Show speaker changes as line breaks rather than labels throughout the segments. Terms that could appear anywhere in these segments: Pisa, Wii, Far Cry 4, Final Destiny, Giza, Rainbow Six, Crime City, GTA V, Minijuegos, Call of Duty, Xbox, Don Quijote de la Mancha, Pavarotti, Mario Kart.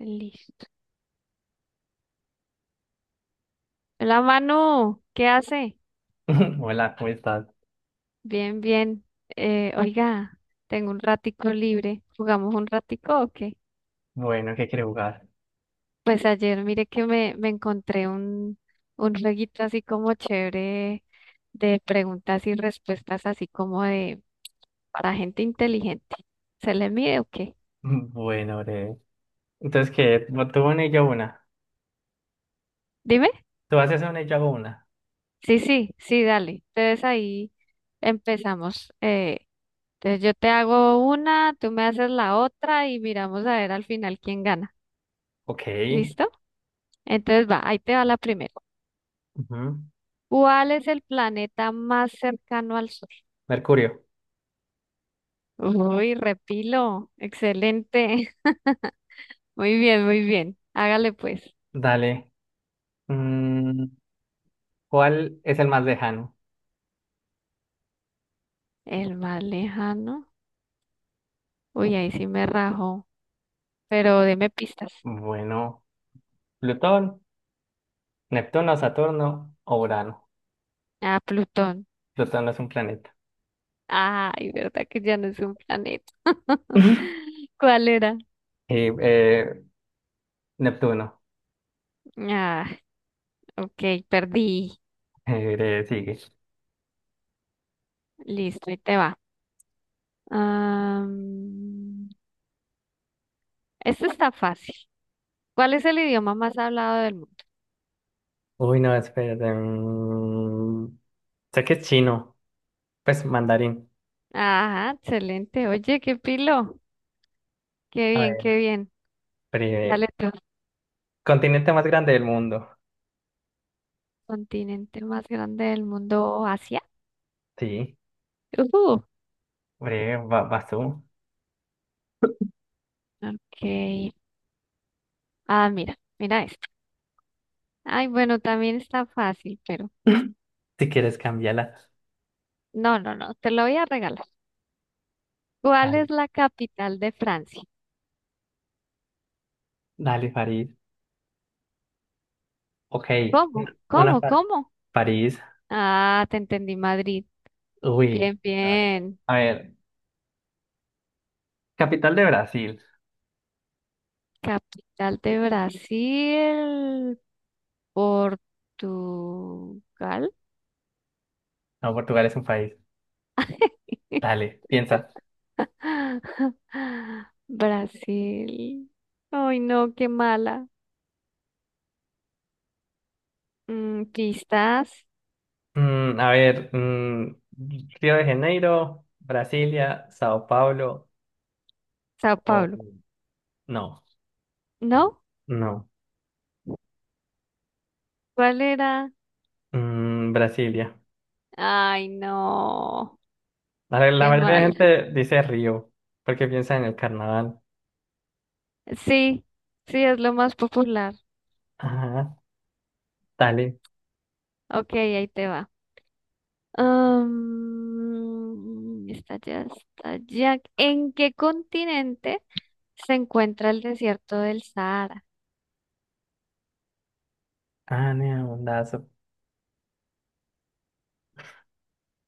Listo. La mano, ¿qué hace?
Hola, ¿cómo estás?
Bien, bien. Oiga, tengo un ratico libre. ¿Jugamos un ratico o qué?
Bueno, ¿qué quiere jugar?
Pues ayer mire que me encontré un jueguito así como chévere de preguntas y respuestas así como de para gente inteligente. ¿Se le mide o qué?
Bueno, breve. Entonces, ¿qué? Tú una y yo una.
Dime.
Tú haces una y yo hago una.
Sí, sí, sí, dale. Entonces ahí empezamos. Entonces yo te hago una, tú me haces la otra y miramos a ver al final quién gana.
Ok.
¿Listo? Entonces va, ahí te va la primera.
Ujú.
¿Cuál es el planeta más cercano al Sol?
Mercurio,
Uy, repilo. Excelente. Muy bien, muy bien. Hágale pues.
dale. Mm, ¿cuál es el más lejano?
El más lejano. Uy, ahí sí me rajó. Pero deme pistas.
Bueno, Plutón, Neptuno, Saturno o Urano.
Ah, Plutón.
Plutón no es un planeta.
Ay, verdad que ya no es un planeta. ¿Cuál era?
Y, eh, Neptuno.
Ah, ok, perdí.
Breve, sigue.
Listo, ahí te va. Am, este está fácil. ¿Cuál es el idioma más hablado del mundo?
Uy, no, espérate. Sé que es chino. Pues mandarín.
Ajá, excelente. Oye, qué pilo. Qué
A
bien, qué
ver,
bien.
breve.
Dale tú.
Continente más grande del mundo.
Continente más grande del mundo, Asia.
Sí.
Ujú.
Breve, vas tú.
Ok. Ah, mira, mira esto. Ay, bueno, también está fácil, pero
Si quieres cambiarla.
no, no, no, te lo voy a regalar. ¿Cuál
Dale,
es la capital de Francia?
dale, París. Ok,
¿Cómo?
una
¿Cómo?
par-
¿Cómo?
París.
Ah, te entendí, Madrid.
Uy,
Bien, bien.
a ver, capital de Brasil.
Capital de Brasil, Portugal.
No, Portugal es un país. Dale, piensa.
Brasil. Ay, no, qué mala. Mm, pistas.
Mm, a ver, mm, Río de Janeiro, Brasilia, Sao Paulo
Sao
o...
Paulo.
No,
¿No?
no.
¿Cuál era?
Mm, Brasilia.
Ay, no,
A ver, la
qué
mayoría de
mal.
gente dice Río porque piensa en el carnaval.
Sí, sí, es lo más popular.
Ajá, dale.
Ok, ahí te va. Está ya, está ya. ¿En qué continente se encuentra el desierto del Sahara?
Ah, neondazo.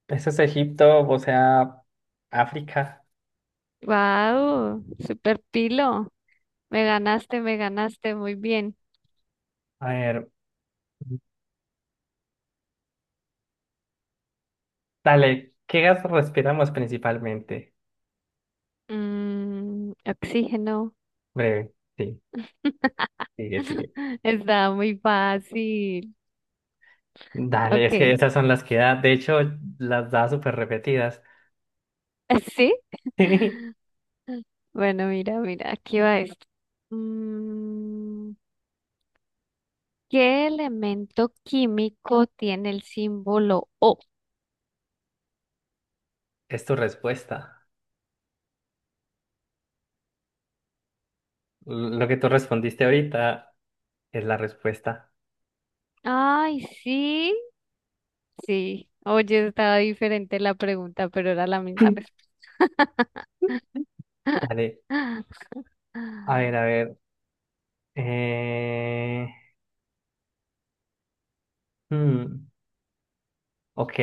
Eso es Egipto, o sea, África.
Wow, super pilo. Me ganaste, muy bien.
A ver, dale, ¿qué gas respiramos principalmente?
Mm, oxígeno.
Breve, sí, sigue.
Está muy fácil.
Dale,
Ok.
es que esas son las que da, de hecho, las da súper repetidas.
¿Sí? Bueno, mira, mira, aquí va esto. Mm, ¿Qué elemento químico tiene el símbolo O?
Es tu respuesta. Lo que tú respondiste ahorita es la respuesta.
Ay, sí, sí. Oye, estaba diferente la pregunta, pero era la misma
Sí.
respuesta.
Dale, a ver. Eh... hmm, ok,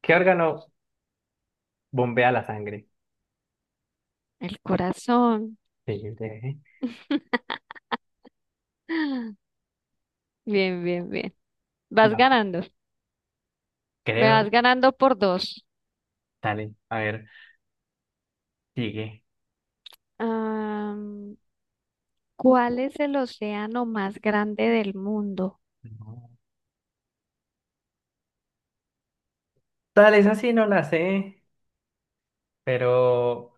¿qué órgano bombea la sangre?
El corazón.
Sí, breve.
Bien, bien, bien. Vas
Va.
ganando. Me
Creo
vas ganando por dos.
dale, a ver, sigue.
Am, ¿Cuál es el océano más grande del mundo?
No. Dale, esa sí no la sé, pero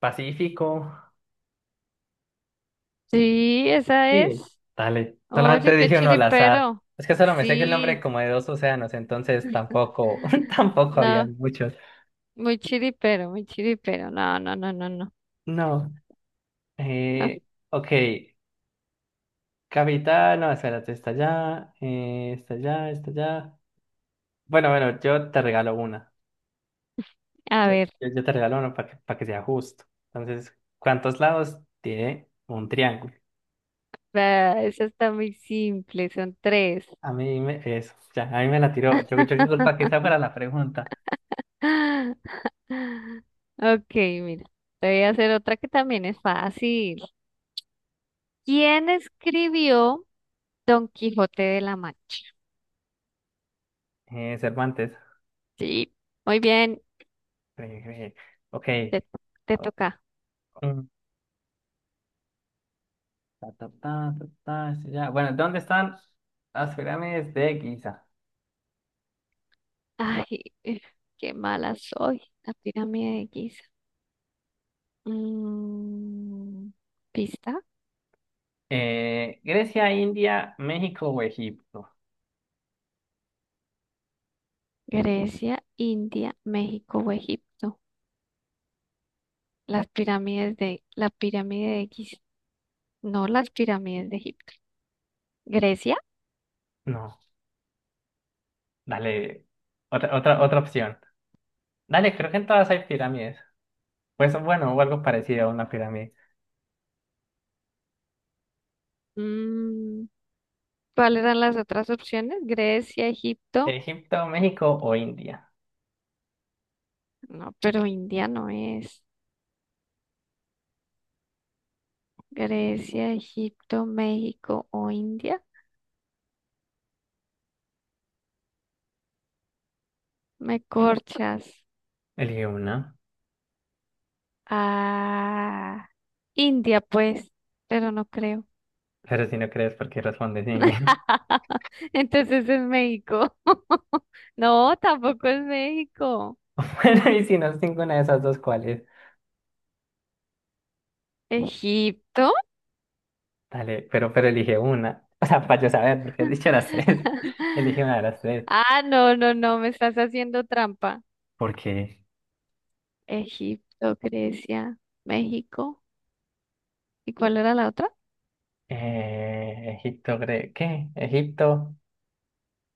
Pacífico,
Sí, esa es.
sí. Dale,
Oye,
solamente
qué
dije uno al azar.
chiripero.
Es que solo me sé que el
Sí.
nombre como de dos océanos, entonces tampoco, tampoco había
No,
muchos.
muy chiripero, muy chiripero. No, no, no, no, no.
No,
Ah,
eh, ok, capital, no, espérate, está allá, está allá, está allá. Bueno, bueno, yo te regalo una.
a
Yo,
ver,
yo te regalo una para que sea justo. Entonces, ¿cuántos lados tiene un triángulo?
ah, esa está muy simple, son tres.
A mí me, eso, ya, a mí me la tiró. Yo disculpa que esa fuera la pregunta.
Ok, mira, te voy a hacer otra que también es fácil. ¿Quién escribió Don Quijote de la Mancha?
Cervantes.
Sí, muy bien.
Eh, eh, ok.
Te, te
O-
toca.
mm, Ta, ta, ta, ta, ta, sí, ya. Bueno, ¿dónde están las pirámides de Giza?
Ay, eh, qué mala soy. La pirámide de Giza. Mm, pista.
Grecia, India, México o Egipto.
Grecia, India, México o Egipto. Las pirámides de, la pirámide de Giza. No las pirámides de Egipto. Grecia.
No, dale. Otra opción. Dale, creo que en todas hay pirámides. Pues bueno, o algo parecido a una pirámide.
Mm, ¿cuáles eran las otras opciones? Grecia, Egipto.
Egipto, México o India.
No, pero India no es. Grecia, Egipto, México o India. Me corchas.
Elige una.
Ah. India, pues, pero no creo.
Pero si no crees, ¿por qué respondes India?
Entonces es México. No, tampoco es México.
Bueno, y si no es ninguna de esas dos, ¿cuáles?
¿Egipto?
Dale, pero elige una. O sea, para yo saber, porque has dicho las tres. Elige una de las tres.
Ah, no, no, no, me estás haciendo trampa.
Porque
Egipto, Grecia, México. ¿Y cuál era la otra?
Egipto, Gre- ¿qué? Egipto,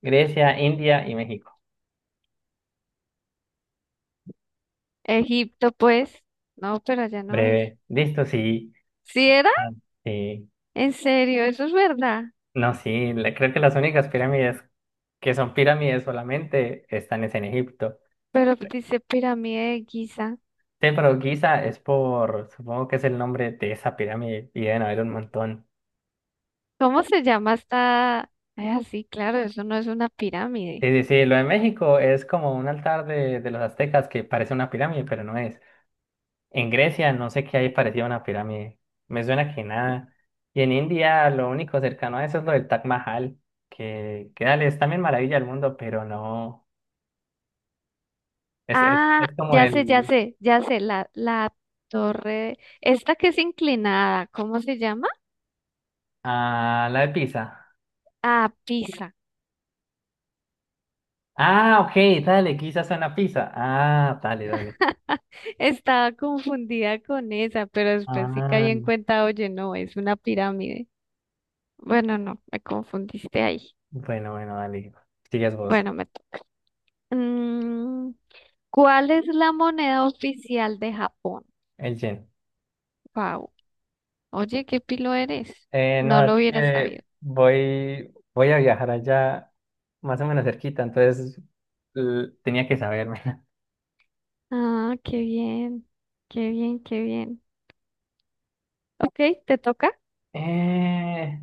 Grecia, India y México.
Egipto, pues. No, pero allá no es.
Breve. Listo, sí.
¿Sí era?
Ah, sí.
¿En serio? Eso es verdad.
No, sí, la- Creo que las únicas pirámides que son pirámides solamente están es en Egipto.
Pero dice pirámide de Giza.
Sí, pero Giza es por, supongo que es el nombre de esa pirámide y deben haber un montón.
¿Cómo se llama esta? Es así, claro, eso no es una
Sí,
pirámide.
sí, sí, lo de México es como un altar de los aztecas que parece una pirámide, pero no es. En Grecia no sé qué hay parecido a una pirámide, me suena que nada. Y en India lo único cercano a eso es lo del Taj Mahal, que dale, es también maravilla del mundo, pero no, es, es,
Ah,
es como
ya sé, ya
el...
sé, ya sé, la torre, esta que es inclinada, ¿cómo se llama?
Ah, la de Pisa.
Ah, Pisa.
Ah, ok, dale, quizás suena Pisa. Ah, dale, dale.
Estaba confundida con esa, pero después sí
Ah,
caí en cuenta, oye, no, es una pirámide. Bueno, no, me confundiste ahí.
bueno, bueno, dale, sigues vos,
Bueno, mm, ¿cuál es la moneda oficial de Japón?
el Jen.
Wow. Oye, qué pilo eres. No
No, es
lo hubiera sabido.
que voy a viajar allá más o menos cerquita, entonces tenía que saberme.
Ah, qué bien. Qué bien, qué bien. Ok, ¿te toca?
Eh,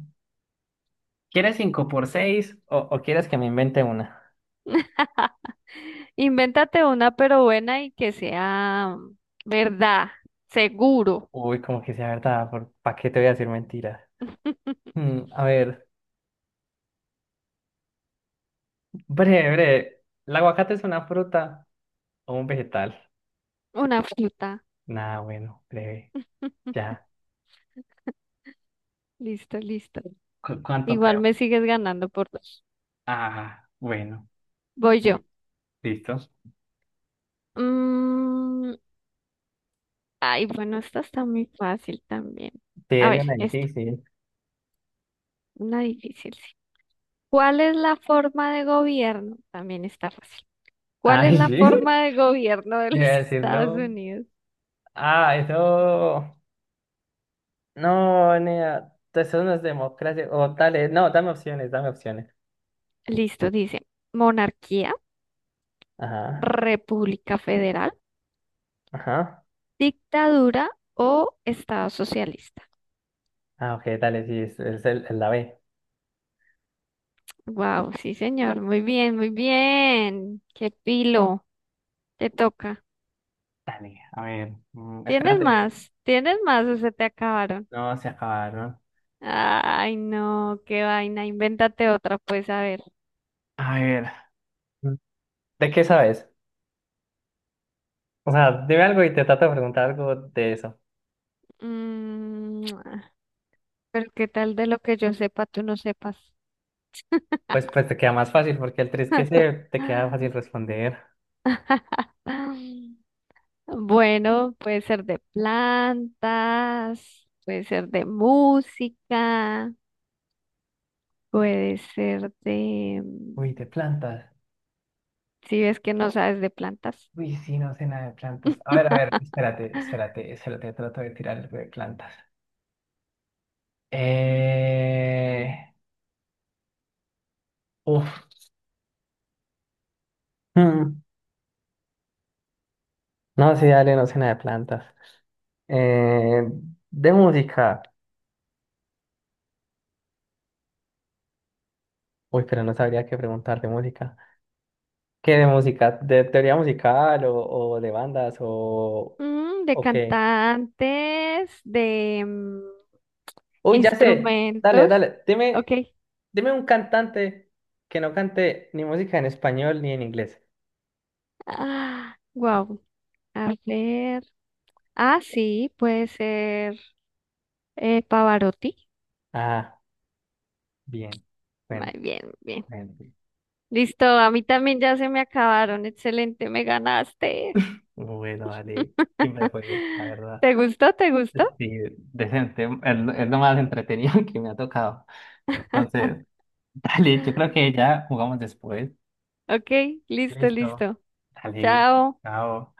¿Quieres cinco por 6 o quieres que me invente una?
Invéntate una, pero buena y que sea verdad, seguro.
Uy, como que sea verdad, ¿para qué te voy a decir mentiras? Mm, a ver, breve. ¿El aguacate es una fruta o un vegetal?
Una fruta.
Nada, bueno, breve, ya.
Listo, listo.
¿Cuánto
Igual me
quedamos?
sigues ganando por dos.
Ah, bueno.
Voy
Y-
yo.
Listo. Sí,
Mm, ay, bueno, esta está muy fácil también. A
era
ver,
una
esta,
difícil.
una difícil, sí. ¿Cuál es la forma de gobierno? También está fácil. ¿Cuál es
Ay,
la
sí.
forma de gobierno de los
Yo iba a decir
Estados
no.
Unidos?
Ah, eso. No, nea. Eso no es democracia. O dale, no, dame opciones.
Listo, dice, monarquía,
Ajá,
república federal,
ajá.
dictadura o estado socialista.
Ah, ok, dale, sí, es la B.
Wow, sí, señor, muy bien, muy bien. Qué pilo, te toca.
Dale, a ver, mm,
¿Tienes
espérate,
más? ¿Tienes más o se te acabaron?
no, se acabaron.
Ay, no, qué vaina. Invéntate otra, pues, a ver.
A ver. Mm. ¿De qué sabes? O sea, dime algo y te trato de preguntar algo de eso.
Mm, pero qué tal de lo que yo sepa, tú no sepas.
Pues te queda más fácil porque el 3 que sé te queda fácil responder.
Bueno, puede ser de plantas, puede ser de música, puede ser de...
Uy, de
mm,
plantas,
si ves que no sabes de plantas.
uy, sí, no sé nada de plantas, a ver, espérate, espérate, espérate, trato de tirar algo de plantas. Eh, Uf. hmm, No, sí, dale, no sé nada de plantas. Eh, de música. Uy, pero no sabría qué preguntar de música. ¿Qué de música? ¿De teoría musical o de bandas
Mm, de
o qué?
cantantes, de
Uy, ya sé. Dale,
instrumentos.
dale.
Ok.
Dime un cantante que no cante ni música en español ni en inglés.
Ah, wow. A ver. Ah, sí, puede ser Pavarotti.
Ah, bien.
Muy
Bueno,
bien, muy bien.
bueno.
Listo, a mí también ya se me acabaron. Excelente, me ganaste.
Bueno, dale. Siempre juego, la verdad.
¿Te gustó? ¿Te gustó?
Sí, decente. Es lo más entretenido que me ha tocado. Entonces, dale, yo creo que ya jugamos después.
Ok, listo,
Listo.
listo.
Dale,
Chao.
chao.